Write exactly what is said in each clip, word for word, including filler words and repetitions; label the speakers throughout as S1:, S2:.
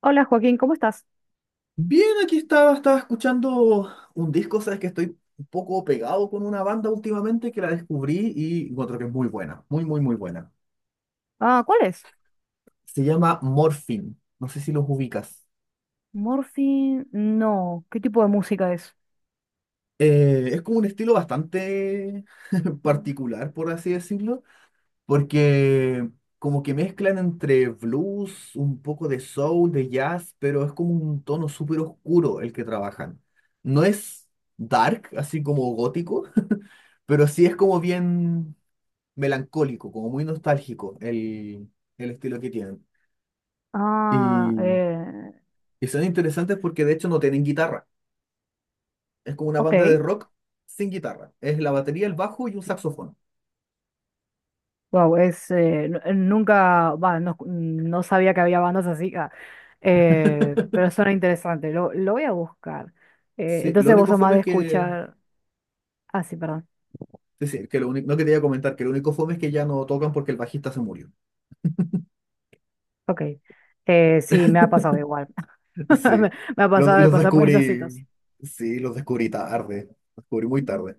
S1: Hola Joaquín, ¿cómo estás?
S2: Bien, aquí estaba, estaba escuchando un disco. Sabes que estoy un poco pegado con una banda últimamente que la descubrí y encuentro que es muy buena, muy, muy, muy buena.
S1: Ah, ¿cuál es?
S2: Se llama Morphine, no sé si los ubicas.
S1: Morphine, no. ¿Qué tipo de música es?
S2: Eh, es como un estilo bastante particular, por así decirlo, porque como que mezclan entre blues, un poco de soul, de jazz, pero es como un tono súper oscuro el que trabajan. No es dark, así como gótico, pero sí es como bien melancólico, como muy nostálgico el, el estilo que tienen.
S1: Ah,
S2: Y,
S1: eh,
S2: y son interesantes porque de hecho no tienen guitarra. Es como una banda de
S1: ok.
S2: rock sin guitarra. Es la batería, el bajo y un saxofón.
S1: Wow, es eh, nu- eh, nunca, va, no, no sabía que había bandas así, ah, eh, pero suena interesante. Lo, lo voy a buscar. Eh,
S2: Sí, lo
S1: entonces vos
S2: único
S1: sos más
S2: fome es
S1: de
S2: que...
S1: escuchar. Ah, sí, perdón.
S2: sí, sí, que lo único, no quería comentar, que lo único fome es que ya no tocan porque el bajista se murió.
S1: Ok. Eh, sí, me ha pasado igual. Me,
S2: Sí,
S1: me ha
S2: los,
S1: pasado de
S2: los
S1: pasar por esa
S2: descubrí...
S1: situación.
S2: sí, los descubrí tarde. Los descubrí muy tarde.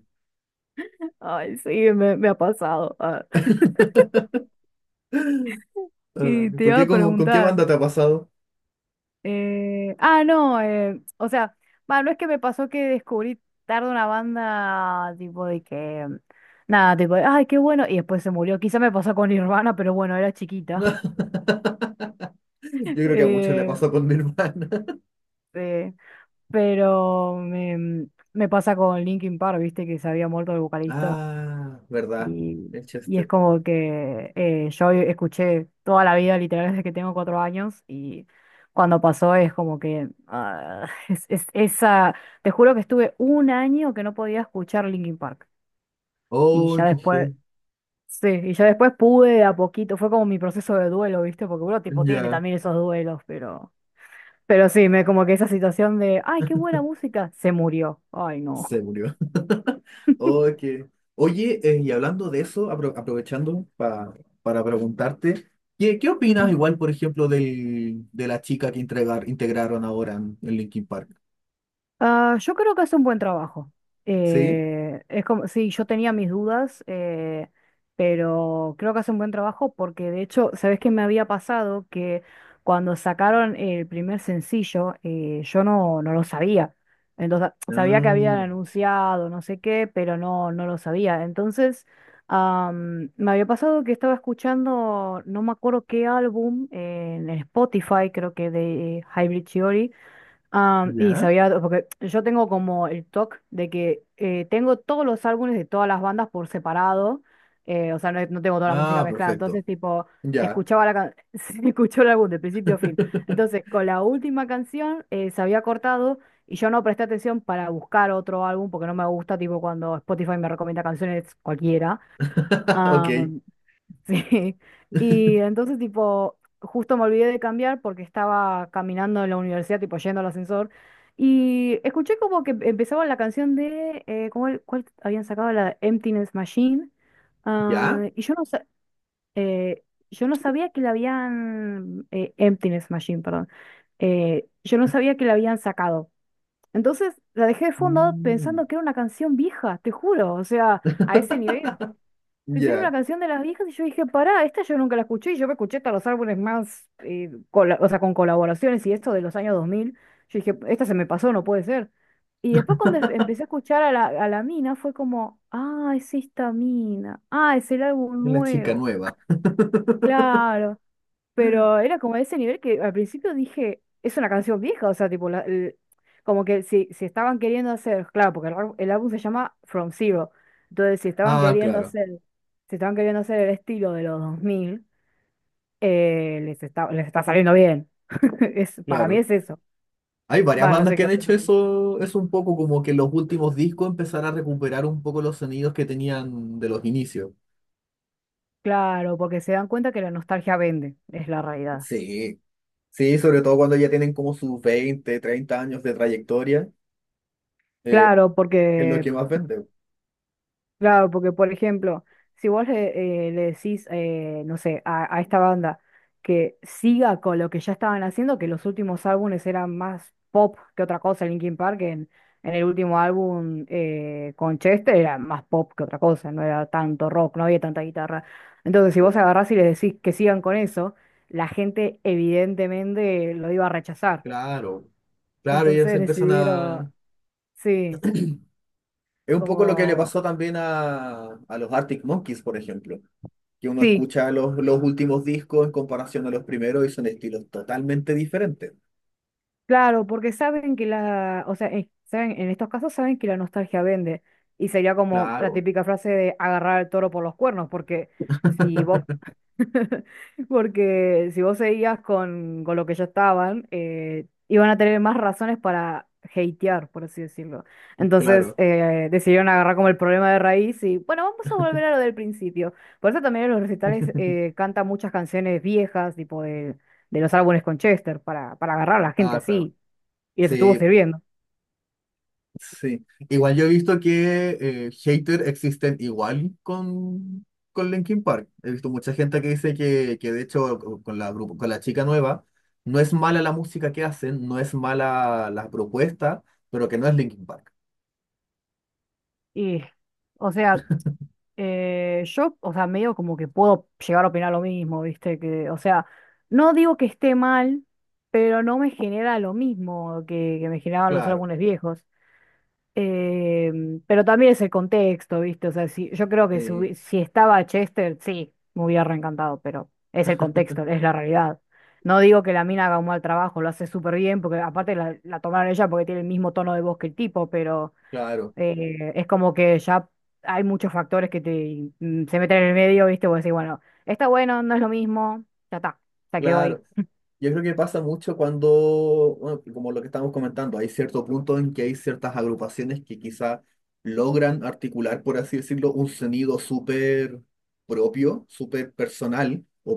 S1: Ay, sí, me, me ha pasado. Ah,
S2: Ah,
S1: y te
S2: ¿por
S1: iba
S2: qué?
S1: a
S2: ¿Con, con qué banda
S1: preguntar.
S2: te ha pasado?
S1: Eh, ah, no, eh, o sea, va, no es que me pasó que descubrí tarde una banda tipo de que, nada, tipo, de, ay, qué bueno, y después se murió. Quizá me pasó con Nirvana, pero bueno, era chiquita.
S2: Yo creo que a muchos le
S1: Eh,
S2: pasó con mi hermana.
S1: eh, pero me, me pasa con Linkin Park, viste, que se había muerto el vocalista.
S2: Ah, verdad.
S1: Y,
S2: El
S1: y es
S2: Chester.
S1: como que eh, yo escuché toda la vida, literal, desde que tengo cuatro años, y cuando pasó es como que ah, es, es- esa, te juro que estuve un año que no podía escuchar Linkin Park. Y
S2: Oh,
S1: ya
S2: qué
S1: después,
S2: fe.
S1: sí, y ya después pude de a poquito, fue como mi proceso de duelo, ¿viste? Porque uno tipo tiene
S2: Ya,
S1: también esos duelos, pero, pero sí, me como que esa situación de, ay, qué buena música, se murió. Ay, no.
S2: se murió. Oh, qué- Oye, eh, y hablando de eso, apro- aprovechando pa- para preguntarte, ¿qué, qué opinas igual, por ejemplo, del, de la chica que entregar, integraron ahora en, en Linkin Park?
S1: Ah, yo creo que hace un buen trabajo.
S2: ¿Sí?
S1: Eh, es como, sí, yo tenía mis dudas, eh, pero creo que hace un buen trabajo porque de hecho, ¿sabes qué me había pasado? Que cuando sacaron el primer sencillo, eh, yo no, no lo sabía. Entonces, sabía que
S2: Ah,
S1: habían anunciado, no sé qué, pero no, no lo sabía. Entonces, am, me había pasado que estaba escuchando, no me acuerdo qué álbum, eh, en Spotify, creo que de Hybrid Theory. Ah, y
S2: ¿ya?
S1: sabía, porque yo tengo como el T O C de que eh, tengo todos los álbumes de todas las bandas por separado. Eh, o sea, no, no tengo toda la música
S2: Ah,
S1: mezclada,
S2: perfecto.
S1: entonces tipo,
S2: Ya.
S1: escuchaba la can- escuchó el álbum de principio a fin. Entonces, con la última canción eh, se había cortado y yo no presté atención para buscar otro álbum porque no me gusta, tipo, cuando Spotify me recomienda canciones cualquiera.
S2: Ok.
S1: Sí. Y entonces, tipo, justo me olvidé de cambiar porque estaba caminando en la universidad, tipo, yendo al ascensor. Y escuché como que empezaba la canción de, eh, ¿cómo el- cuál habían sacado? La de Emptiness Machine.
S2: ¿Ya?
S1: Ah, y yo no, sa- eh, yo no sabía que la habían, eh, Emptiness Machine, perdón. Eh, yo no sabía que la habían sacado. Entonces la dejé de fondo
S2: Mm,
S1: pensando que era una canción vieja, te juro. O sea, a ese nivel. Pensé que era una
S2: ya.
S1: canción de las viejas y yo dije, pará, esta yo nunca la escuché y yo me escuché hasta los álbumes más, eh, cola- o sea, con colaboraciones y esto de los años dos mil. Yo dije, esta se me pasó, no puede ser. Y después cuando em- empecé a escuchar a la, a la mina fue como, ah, es esta mina, ah, es el álbum
S2: Es la chica
S1: nuevo.
S2: nueva.
S1: Claro. Pero era como de ese nivel que al principio dije, es una canción vieja, o sea, tipo, la- el- como que si, si estaban queriendo hacer, claro, porque el, ar- el álbum se llama From Zero, entonces si estaban
S2: Ah,
S1: queriendo
S2: claro,
S1: hacer, si estaban queriendo hacer el estilo de los dos mil, eh, les está, les está saliendo bien. Es, para mí
S2: claro.
S1: es eso.
S2: Hay varias
S1: Va, no
S2: bandas
S1: sé
S2: que
S1: qué
S2: han hecho
S1: opinas vos.
S2: eso, es un poco como que los últimos discos empezar a recuperar un poco los sonidos que tenían de los inicios.
S1: Claro, porque se dan cuenta que la nostalgia vende, es la realidad.
S2: Sí, sí, sobre todo cuando ya tienen como sus veinte treinta años de trayectoria, eh,
S1: Claro,
S2: es lo
S1: porque
S2: que más vende.
S1: Claro, porque por ejemplo, si vos le, eh, le decís, eh, no sé, a, a esta banda que siga con lo que ya estaban haciendo, que los últimos álbumes eran más pop que otra cosa, Linkin Park en, en el último álbum eh, con Chester era más pop que otra cosa, no era tanto rock, no había tanta guitarra. Entonces, si vos
S2: Bien.
S1: agarrás y les decís que sigan con eso, la gente evidentemente lo iba a rechazar.
S2: Claro, claro, ellos
S1: Entonces
S2: empiezan
S1: decidieron,
S2: a...
S1: sí,
S2: Es un poco lo que le
S1: como,
S2: pasó también a, a los Arctic Monkeys, por ejemplo, que uno
S1: sí.
S2: escucha los, los últimos discos en comparación a los primeros y son estilos totalmente diferentes.
S1: Claro, porque saben que la, o sea, eh, saben, en estos casos saben que la nostalgia vende. Y sería como la
S2: Claro,
S1: típica frase de agarrar al toro por los cuernos, porque si vos, porque si vos seguías con, con lo que ya estaban, eh, iban a tener más razones para hatear, por así decirlo. Entonces,
S2: claro.
S1: eh, decidieron agarrar como el problema de raíz y, bueno, vamos a volver a lo del principio. Por eso también en los recitales eh, canta muchas canciones viejas, tipo de de los álbumes con Chester para, para agarrar a la gente
S2: Ah, claro.
S1: así y les estuvo
S2: Sí, po,
S1: sirviendo.
S2: sí. Igual yo he visto que eh, haters existen igual con, con Linkin Park. He visto mucha gente que dice que, que de hecho co- con la, grupo- con la chica nueva no es mala la música que hacen, no es mala la propuesta, pero que no es Linkin Park.
S1: Y, o sea, eh, yo, o sea, medio como que puedo llegar a opinar lo mismo, ¿viste? Que, o sea, no digo que esté mal, pero no me genera lo mismo que, que me generaban los
S2: Claro,
S1: álbumes viejos. Eh, pero también es el contexto, ¿viste? O sea, si, yo creo que si,
S2: sí,
S1: hubi- si estaba Chester, sí, me hubiera reencantado, pero es el contexto, es la realidad. No digo que la mina haga un mal trabajo, lo hace súper bien, porque aparte la, la tomaron ella porque tiene el mismo tono de voz que el tipo, pero
S2: claro.
S1: Eh, es como que ya hay muchos factores que te, mm, se meten en el medio, ¿viste? Vos decís, bueno, está bueno, no es lo mismo, ya está, se quedó ahí.
S2: Claro, yo creo que pasa mucho cuando, bueno, como lo que estamos comentando, hay cierto punto en que hay ciertas agrupaciones que quizá logran articular, por así decirlo, un sonido súper propio, súper personal o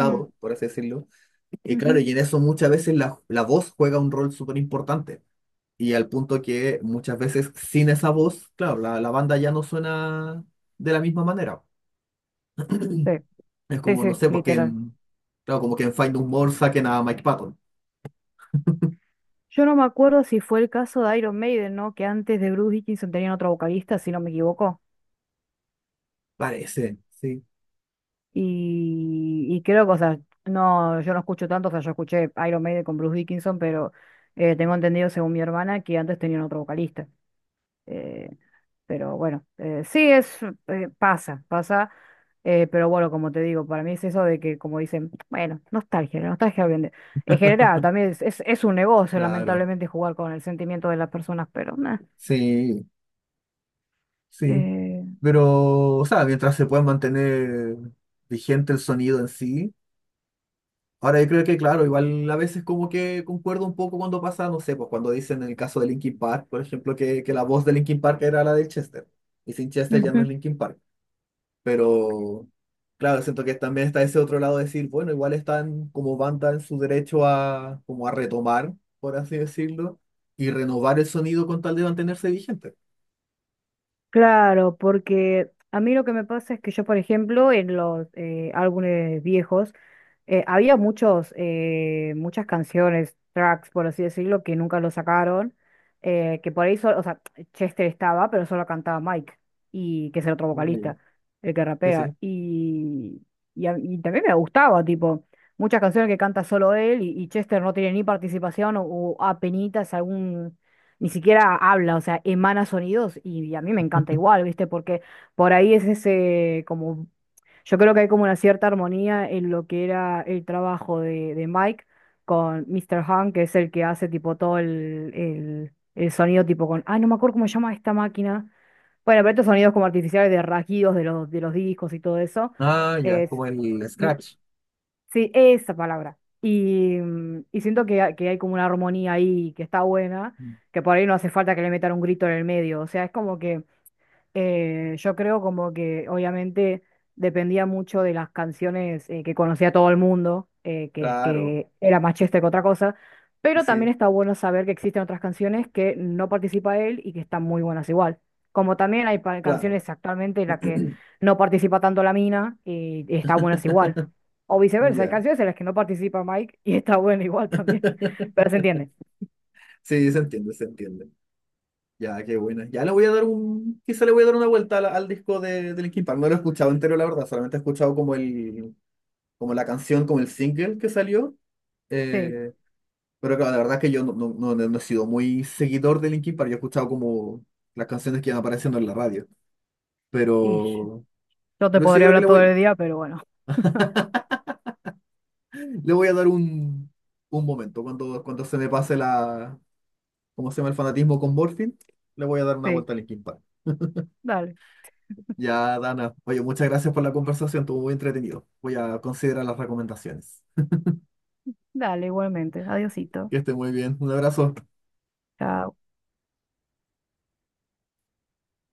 S1: Mm,
S2: por así decirlo. Y claro,
S1: ujú.
S2: y en eso muchas veces la, la voz juega un rol súper importante. Y al punto que muchas veces sin esa voz, claro, la, la banda ya no suena de la misma manera.
S1: Sí,
S2: Es
S1: sí,
S2: como,
S1: sí,
S2: no sé, porque
S1: literal.
S2: en, claro, como que en Find More saquen a Mike Patton.
S1: Yo no me acuerdo si fue el caso de Iron Maiden, ¿no? Que antes de Bruce Dickinson tenían otro vocalista, si no me equivoco.
S2: Parece, sí,
S1: Y, y creo que, o sea, no, yo no escucho tanto, o sea, yo escuché Iron Maiden con Bruce Dickinson, pero eh, tengo entendido, según mi hermana, que antes tenían otro vocalista. Eh, Pero bueno, eh, sí es, eh, pasa, pasa. Eh, pero bueno, como te digo, para mí es eso de que, como dicen, bueno, nostalgia, la nostalgia vende. En general, también es, es, es un negocio,
S2: claro.
S1: lamentablemente, jugar con el sentimiento de las personas, pero nada.
S2: Sí, sí. Pero, o sea, mientras se pueda mantener vigente el sonido en sí. Ahora yo creo que, claro, igual a veces como que concuerdo un poco cuando pasa, no sé, pues cuando dicen en el caso de Linkin Park, por ejemplo, que, que la voz de Linkin Park era la de Chester. Y sin Chester ya no es Linkin Park. Pero claro, siento que también está ese otro lado de decir, bueno, igual están como banda en su derecho a, como a retomar, por así decirlo, y renovar el sonido con tal de mantenerse vigente.
S1: Claro, porque a mí lo que me pasa es que yo, por ejemplo, en los eh, álbumes viejos, eh, había muchos, eh, muchas canciones, tracks, por así decirlo, que nunca lo sacaron, eh, que por ahí solo, o sea, Chester estaba, pero solo cantaba Mike, y que es el otro
S2: Ah, ya.
S1: vocalista, el que
S2: Sí, sí.
S1: rapea, y, y, a- y también me gustaba, tipo, muchas canciones que canta solo él, y, y Chester no tiene ni participación, o, o apenitas algún ni siquiera habla, o sea, emana sonidos y, y a mí me encanta igual, ¿viste? Porque por ahí es ese como, yo creo que hay como una cierta armonía en lo que era el trabajo de, de Mike con mister Han, que es el que hace tipo todo el, el, el sonido tipo con, ay, no me acuerdo cómo se llama esta máquina. Bueno, pero estos sonidos como artificiales de rasguidos de los, de los discos y todo eso.
S2: Ah, ya,
S1: Es,
S2: como el scratch.
S1: Sí, esa palabra. Y, mm, y siento que, ha- que hay como una armonía ahí que está buena,
S2: Mm.
S1: que por ahí no hace falta que le metan un grito en el medio. O sea, es como que eh, yo creo como que obviamente dependía mucho de las canciones eh, que conocía todo el mundo, eh, que,
S2: Claro,
S1: que era más chiste que otra cosa, pero también
S2: sí,
S1: está bueno saber que existen otras canciones que no participa él y que están muy buenas igual. Como también hay pa-
S2: claro.
S1: canciones actualmente en las que no participa tanto la mina y, y están buenas igual. O viceversa, hay
S2: Ya.
S1: canciones en las que no participa Mike y está buena igual también. Pero se entiende.
S2: Sí, se entiende, se entiende. Ya, qué buena. Ya le voy a dar un. Quizá le voy a dar una vuelta al, al disco de, de Linkin Park. No lo he escuchado entero, la verdad. Solamente he escuchado como el, como la canción, como el single que salió.
S1: Sí,
S2: eh, pero claro, la verdad es que yo no, no, no- no no he sido muy seguidor de Linkin Park, yo he escuchado como las canciones que iban apareciendo en la radio.
S1: y
S2: Pero,
S1: yo te
S2: pero sí,
S1: podría
S2: creo que
S1: hablar
S2: le
S1: todo
S2: voy,
S1: el día, pero bueno,
S2: le voy a dar un, un momento. Cuando, cuando se me pase la, ¿cómo se llama? El fanatismo con Morphine, le voy a dar una
S1: sí.
S2: vuelta a Linkin Park.
S1: Dale.
S2: Ya, Dana, oye, muchas gracias por la conversación, estuvo muy entretenido. Voy a considerar las recomendaciones.
S1: Dale, igualmente. Adiosito.
S2: Que esté muy bien. Un abrazo.
S1: Chao.